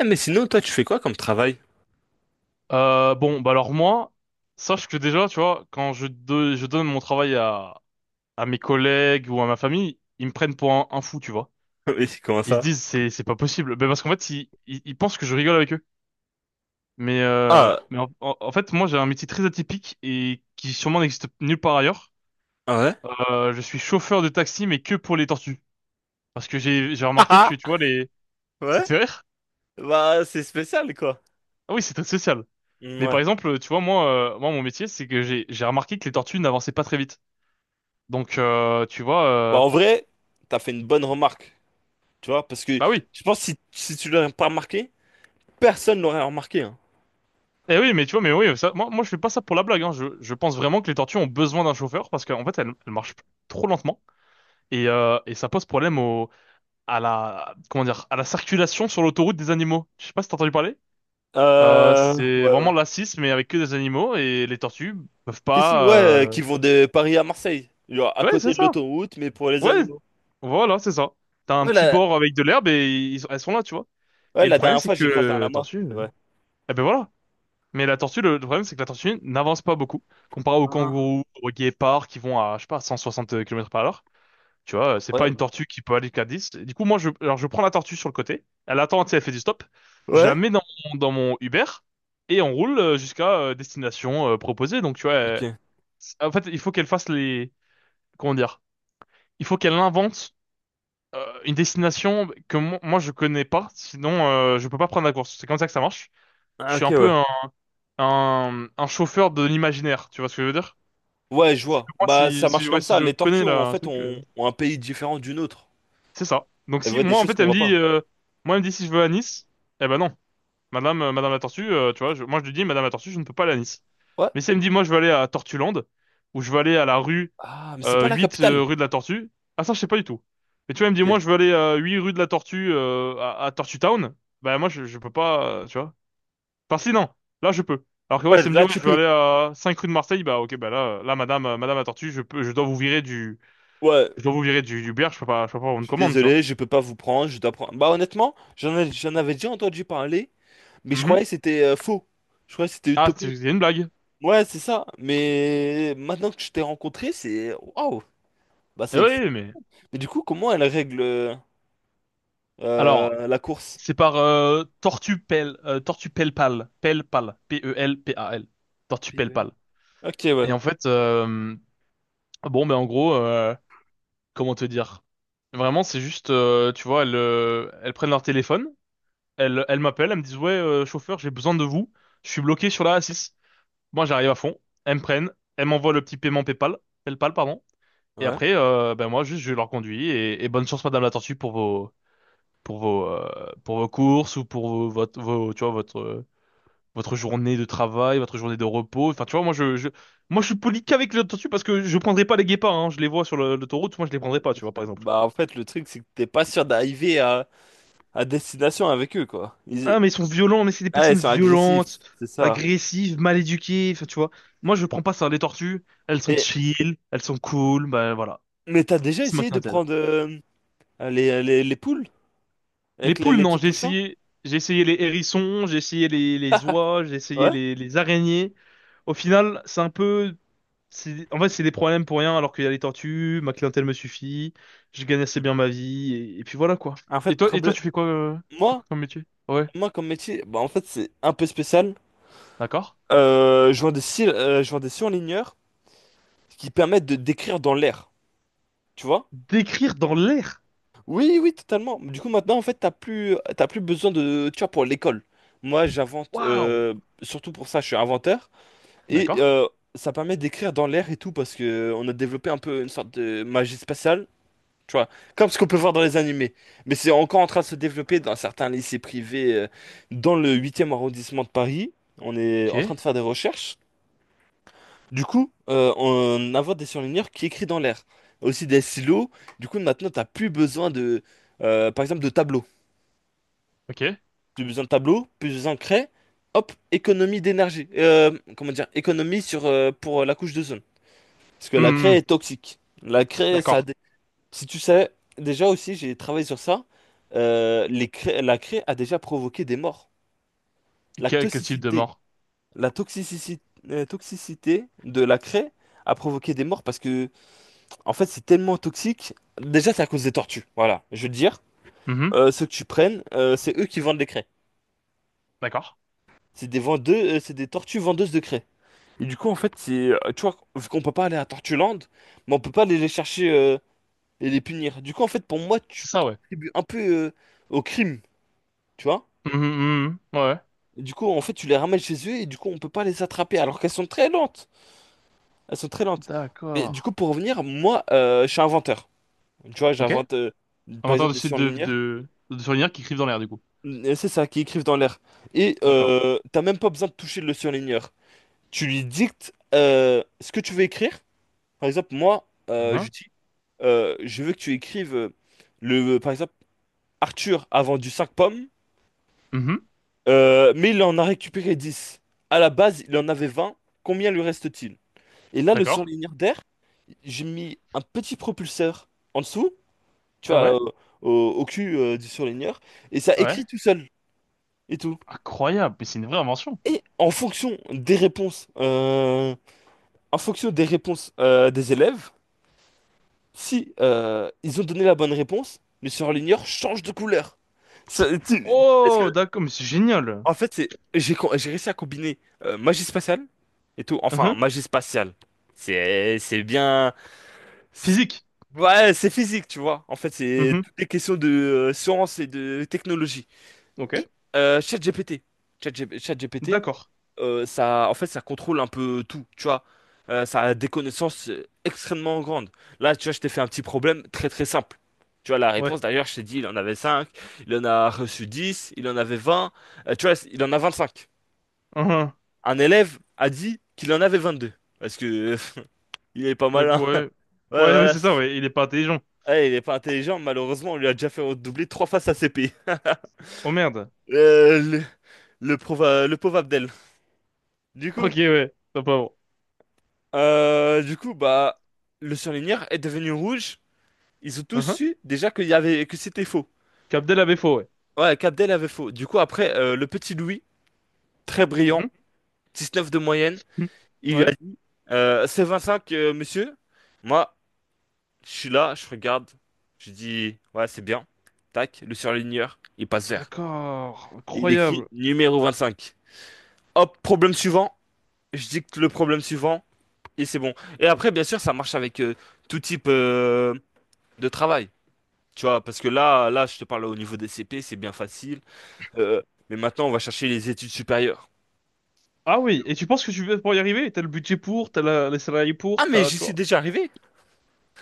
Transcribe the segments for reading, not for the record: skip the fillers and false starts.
Eh, mais sinon, toi, tu fais quoi comme travail? Bon, bah alors moi, sache que déjà, tu vois, quand je donne mon travail à mes collègues ou à ma famille, ils me prennent pour un fou, tu vois. Mais comment Ils se ça? disent, c'est pas possible. Ben parce qu'en fait, ils pensent que je rigole avec eux. Mais, euh, Ah, mais en fait, moi, j'ai un métier très atypique et qui sûrement n'existe nulle part ailleurs. ouais? Je suis chauffeur de taxi, mais que pour les tortues. Parce que j'ai remarqué que, Ah, tu ah, vois, les... Ça ouais? te fait rire? Bah, c'est spécial, quoi. Ah oui, c'est très social. Mm, Mais par ouais. exemple, tu vois, moi, mon métier, c'est que j'ai remarqué que les tortues n'avançaient pas très vite. Donc, tu vois, Bah, euh, en vrai, t'as fait une bonne remarque, tu vois, parce que bah oui. je pense que si, si tu l'aurais pas remarqué, personne l'aurait remarqué, hein. Eh oui, mais tu vois, mais oui, ça, moi, je fais pas ça pour la blague. Hein. Je pense vraiment que les tortues ont besoin d'un chauffeur parce qu'en fait, elles marchent trop lentement et ça pose problème à la, comment dire, à la circulation sur l'autoroute des animaux. Je sais pas si t'as entendu parler. C'est Ouais, ouais. vraiment la 6, mais avec que des animaux et les tortues peuvent Si, si, pas. ouais, qui vont de Paris à Marseille, genre à Ouais, c'est côté de ça. l'autoroute, mais pour les Ouais, animaux. voilà, c'est ça. T'as un Ouais, petit la, bord avec de l'herbe et elles sont là, tu vois. ouais, Et le la problème, dernière c'est fois, que j'ai croisé un lama, c'est vrai. eh ben voilà. Mais la tortue, le problème, c'est que la tortue n'avance pas beaucoup. Comparé aux Ah, kangourous, aux guépards qui vont à, je sais pas, 160 km par heure. Tu vois, c'est pas une incroyable. tortue qui peut aller qu'à 10. Du coup, moi, alors, je prends la tortue sur le côté. Elle attend, tu sais, elle fait du stop. Je la Ouais? mets dans, mon- Dans mon Uber et on roule jusqu'à destination proposée. Donc, tu vois, Ok. en fait, il faut qu'elle fasse les, comment dire, il faut qu'elle invente une destination que moi, je connais pas. Sinon, je peux pas prendre la course. C'est comme ça que ça marche. Je Ah, suis ok, un peu ouais. un chauffeur de l'imaginaire, tu vois ce que je veux dire? Ouais, je C'est vois. que moi, Bah, si, ça si, marche ouais, comme si ça. je connais En là, un fait, truc, ont un pays différent d'une autre. c'est ça. Donc Elles si, voient des moi, en choses fait, qu'on elle me voit pas. dit, moi, elle me dit si je veux à Nice, eh ben non. Madame la Tortue, tu vois, moi, je lui dis, Madame la Tortue, je ne peux pas aller à Nice. Ouais. Mais si elle me dit, moi, je veux aller à Tortuland, ou je veux aller à la rue Ah, mais c'est pas la 8 capitale. rue de la Tortue, ah ça, je sais pas du tout. Et tu vois, elle me dit, moi, Ok. je veux aller à 8 rue de la Tortue à Tortue Town, bah moi, je peux pas, tu vois. Enfin, si, non, là, je peux. Alors que, ouais, Ouais, ça me dit, là, ouais, tu je veux peux. aller à 5 rue de Marseille, bah, ok, bah là, madame la tortue, je peux, Ouais, je dois vous virer du bière, je peux pas avoir je une suis commande, tu vois. désolé, je peux pas vous prendre, je dois prendre. Bah, honnêtement, j'en avais déjà entendu parler, mais je Mhm. croyais que c'était faux. Je croyais que c'était Ah, c'est utopique. c'est une blague. Ouais, c'est ça. Mais maintenant que je t'ai rencontré, c'est. Waouh! Bah, Eh c'est. oui, mais. Mais du coup, comment elle règle Alors, la course? c'est par Tortue Pelpal, Pelpal, P-E-L-P-A-L, Tortue P V. Pelpal. Ok, ouais. Et en fait, bon, mais en gros, comment te dire? Vraiment, c'est juste, tu vois, elles prennent leur téléphone. Elle m'appelle, elle me dit, ouais, chauffeur, j'ai besoin de vous. Je suis bloqué sur la A6. Moi, j'arrive à fond. Elles me prennent. Elles m'envoient le petit paiement PayPal. PayPal, pardon. Et Ouais. après, ben moi, juste, je leur conduis. Et bonne chance, Madame la Tortue, pour vos, pour vos courses ou pour vos, votre, vos- tu vois, votre journée de travail, votre journée de repos. Enfin, tu vois, moi, je, moi, je suis poli qu'avec la Tortue parce que je prendrai pas les guépards, hein. Je les vois sur l'autoroute. Moi, je les prendrai pas, tu vois, par exemple. Bah, en fait, le truc, c'est que t'es pas sûr d'arriver à destination avec eux, quoi. Ils, Ah, mais ils sont violents, mais c'est des ah, ouais, ils personnes sont agressifs, violentes, c'est ça. agressives, mal éduquées, enfin, tu vois. Moi, je prends pas ça. Les tortues, elles sont Mais, chill, elles sont cool, bah voilà. mais t'as déjà C'est ma essayé de clientèle. prendre les, les poules Les avec poules, les non, petits poussins? J'ai essayé les hérissons, j'ai essayé les oies, j'ai essayé Ouais. les araignées. Au final, c'est un peu, c'est, en fait, c'est des problèmes pour rien, alors qu'il y a les tortues, ma clientèle me suffit, je gagne assez bien ma vie, et puis voilà, quoi. En Et fait, toi, et toi, problème. Tu fais quoi Moi, comme métier? Ouais, moi, comme métier, bah, en fait, c'est un peu spécial. d'accord. Je vends des, je vends des surligneurs qui permettent de d'écrire dans l'air, tu vois? D'écrire dans l'air. Oui, oui, totalement. Du coup, maintenant, en fait, t'as plus besoin de, tu vois, pour l'école. Moi, Waouh! Surtout pour ça, je suis inventeur. Et D'accord. Ça permet d'écrire dans l'air et tout parce que on a développé un peu une sorte de magie spatiale, tu vois, comme ce qu'on peut voir dans les animés. Mais c'est encore en train de se développer dans certains lycées privés dans le huitième arrondissement de Paris. On est en train Ok, de faire des recherches. Du coup, on invente des surligneurs qui écrit dans l'air. Aussi des silos. Du coup, maintenant, t'as plus besoin de, par exemple, de tableaux. ok. Plus besoin de tableaux, plus besoin de craie. Hop, économie d'énergie. Comment dire, économie sur, pour la couche de parce que la craie Hmm, est toxique. La craie, ça a d'accord. des- si tu sais, déjà aussi, j'ai travaillé sur ça. La craie a déjà provoqué des morts. La Quel type de toxicité, mort? la toxicité de la craie a provoqué des morts parce que, en fait, c'est tellement toxique. Déjà, c'est à cause des tortues. Voilà, je veux dire. Mhm, Ceux que tu prennes, c'est eux qui vendent les craies. d'accord. C'est des tortues vendeuses de craies. Et du coup, en fait, c'est, tu vois, vu qu'on peut pas aller à Tortuland, mais on peut pas aller les chercher, et les punir. Du coup, en fait, pour moi, tu C'est ça, ouais. contribues un peu au crime, tu vois. Mhm, mhm, mhm, ouais. Du coup, en fait, tu les ramènes chez eux et du coup, on peut pas les attraper alors qu'elles sont très lentes. Elles sont très lentes. Mais D'accord. du coup, pour revenir, moi, je suis inventeur. Tu vois, Ok. j'invente par Inventeur exemple de des sites de, surligneurs. de, de souvenirs qui crivent dans l'air, du coup. C'est ça, qui écrivent dans l'air. Et D'accord. T'as même pas besoin de toucher le surligneur. Tu lui dictes ce que tu veux écrire. Par exemple, moi, je Mhm, dis, je veux que tu écrives le, par exemple, Arthur a vendu 5 pommes. mhm, Mais il en a récupéré 10. À la base, il en avait 20. Combien lui reste-t-il? Et là, le d'accord. surligneur d'air, j'ai mis un petit propulseur en dessous, tu Ah vois, ouais? Au, au cul du surligneur, et ça Ah ouais. écrit tout seul et tout. Incroyable, mais c'est une vraie invention. Et en fonction des réponses, en fonction des réponses des élèves, si ils ont donné la bonne réponse, le surligneur change de couleur. Ça- tu- Est-ce que, Oh, d'accord, mais c'est génial. En fait, c'est j'ai co- J'ai réussi à combiner magie spatiale et tout. Enfin, Mhm. magie spatiale. C'est bien. c'est- Physique. Ouais, c'est physique, tu vois. En fait, c'est Mhm, toutes les questions de science et de technologie. ok. Et, Euh, ChatGPT. ChatGPT, D'accord. Ça, en fait, ça contrôle un peu tout, tu vois. Ça a des connaissances extrêmement grandes. Là, tu vois, je t'ai fait un petit problème très très simple. Tu vois, la Ouais. réponse, d'ailleurs, je t'ai dit, il en avait 5, il en a reçu 10, il en avait 20. Tu vois, il en a vingt-cinq, Mhm. un élève a dit qu'il en avait 22. Parce que il est pas Donc, malin. ouais. Ouais, Ouais, ouais, voilà. c'est ça, ouais. Il est pas intelligent. Ouais, il est pas intelligent, malheureusement, on lui a déjà fait redoubler trois fois sa CP. Oh merde. Euh, le, le pauvre Abdel. Du coup, Ok, ouais. Pas pauvre. Du coup, bah, le surligneur est devenu rouge. Ils ont tous Mhm. su déjà que c'était faux. Capdel a ouais. Ouais, qu'Abdel avait faux. Du coup, après, le petit Louis, très Hum, brillant, hum. 19 de moyenne, Hmm. il lui a Ouais. dit, c'est 25, monsieur. Moi, je suis là, je regarde, je dis, ouais, c'est bien. Tac, le surligneur, il passe Ah, vert. d'accord, Il écrit incroyable. numéro 25. Hop, problème suivant, je dicte le problème suivant, et c'est bon. Et après, bien sûr, ça marche avec tout type de travail. Tu vois, parce que là, je te parle au niveau des CP, c'est bien facile. Euh, mais maintenant, on va chercher les études supérieures. Ah oui, et tu penses que tu veux pour y arriver? T'as le budget pour, t'as les salariés Ah, pour, mais t'as, j'y tu suis vois? déjà arrivé.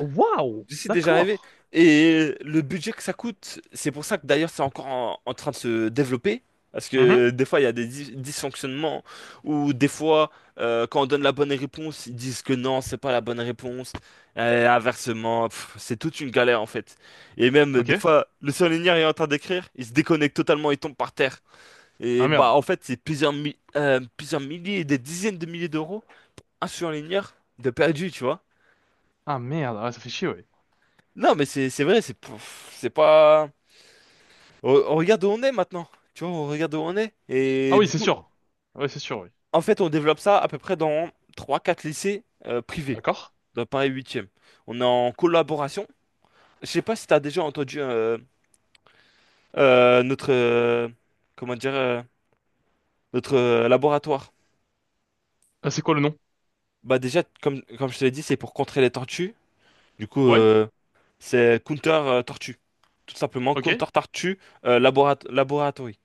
Waouh! C'est déjà arrivé. D'accord. Et le budget que ça coûte, c'est pour ça que d'ailleurs c'est encore en train de se développer. Parce Mhm. que des fois il y a des dysfonctionnements, ou des fois quand on donne la bonne réponse, ils disent que non, c'est pas la bonne réponse. Et inversement, pff, c'est toute une galère en fait. Et même des Ok. fois, le surligneur est en train d'écrire, il se déconnecte totalement, il tombe par terre. Et Ah bah merde. en fait, c'est plusieurs milliers, des dizaines de milliers d'euros, un surligneur de perdu, tu vois. Ah merde, ah, ça fait chier, ouais. Non, mais c'est vrai, c'est pff, c'est pas. On regarde où on est maintenant. Tu vois, on regarde où on est. Ah Et oui, du c'est coup, sûr. Ouais, c'est sûr, oui. en fait, on développe ça à peu près dans trois quatre lycées privés D'accord. dans Paris huitième. On est en collaboration. Je sais pas si tu as déjà entendu notre comment dire notre laboratoire. Ah, c'est quoi le nom? Bah déjà, comme je te l'ai dit, c'est pour contrer les tortues. Du coup, Ouais. C'est Counter Tortue. Tout simplement, Ok. Counter Tortue Laboratory.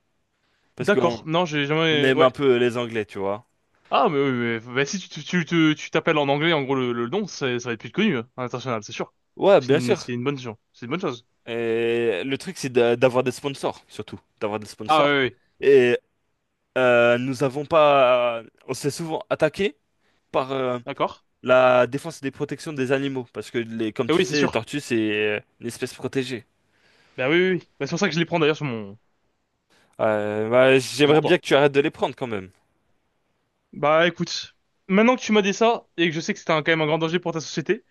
Parce qu'on D'accord. Non, j'ai on jamais. aime un Ouais. peu les Anglais, tu vois. Ah, mais, oui, bah, si tu t'appelles en anglais, en gros, le nom, c'est- ça va être plus connu hein, à l'international, c'est sûr. Ouais, C'est bien une, sûr. c'est une bonne chose. C'est une bonne chose. Et le truc, c'est d'avoir des sponsors, surtout. D'avoir des Ah sponsors. oui, oui. Et nous avons pas. On s'est souvent attaqué par D'accord. la défense et des protections des animaux. Parce que, les, comme Et tu oui, c'est sais, les sûr. tortues, c'est une espèce protégée. Bah oui, oui, oui. Bah, c'est pour ça que je les prends d'ailleurs Bah, sur mon j'aimerais bien toit. que tu arrêtes de les prendre quand même. Bah écoute, maintenant que tu m'as dit ça, et que je sais que c'était quand même un grand danger pour ta société,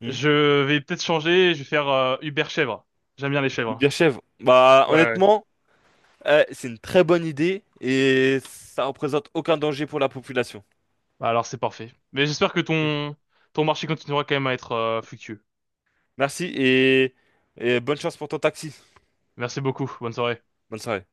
Hmm. je vais peut-être changer, je vais faire Uber chèvre. J'aime bien les Les chèvres. bières chèvres. Bah, Ouais, ouais. honnêtement, c'est une très bonne idée et ça représente aucun danger pour la population. Bah, alors c'est parfait. Mais j'espère que Ok. ton marché continuera quand même à être fructueux. Merci, et bonne chance pour ton taxi. Merci beaucoup, bonne soirée. Bonne soirée.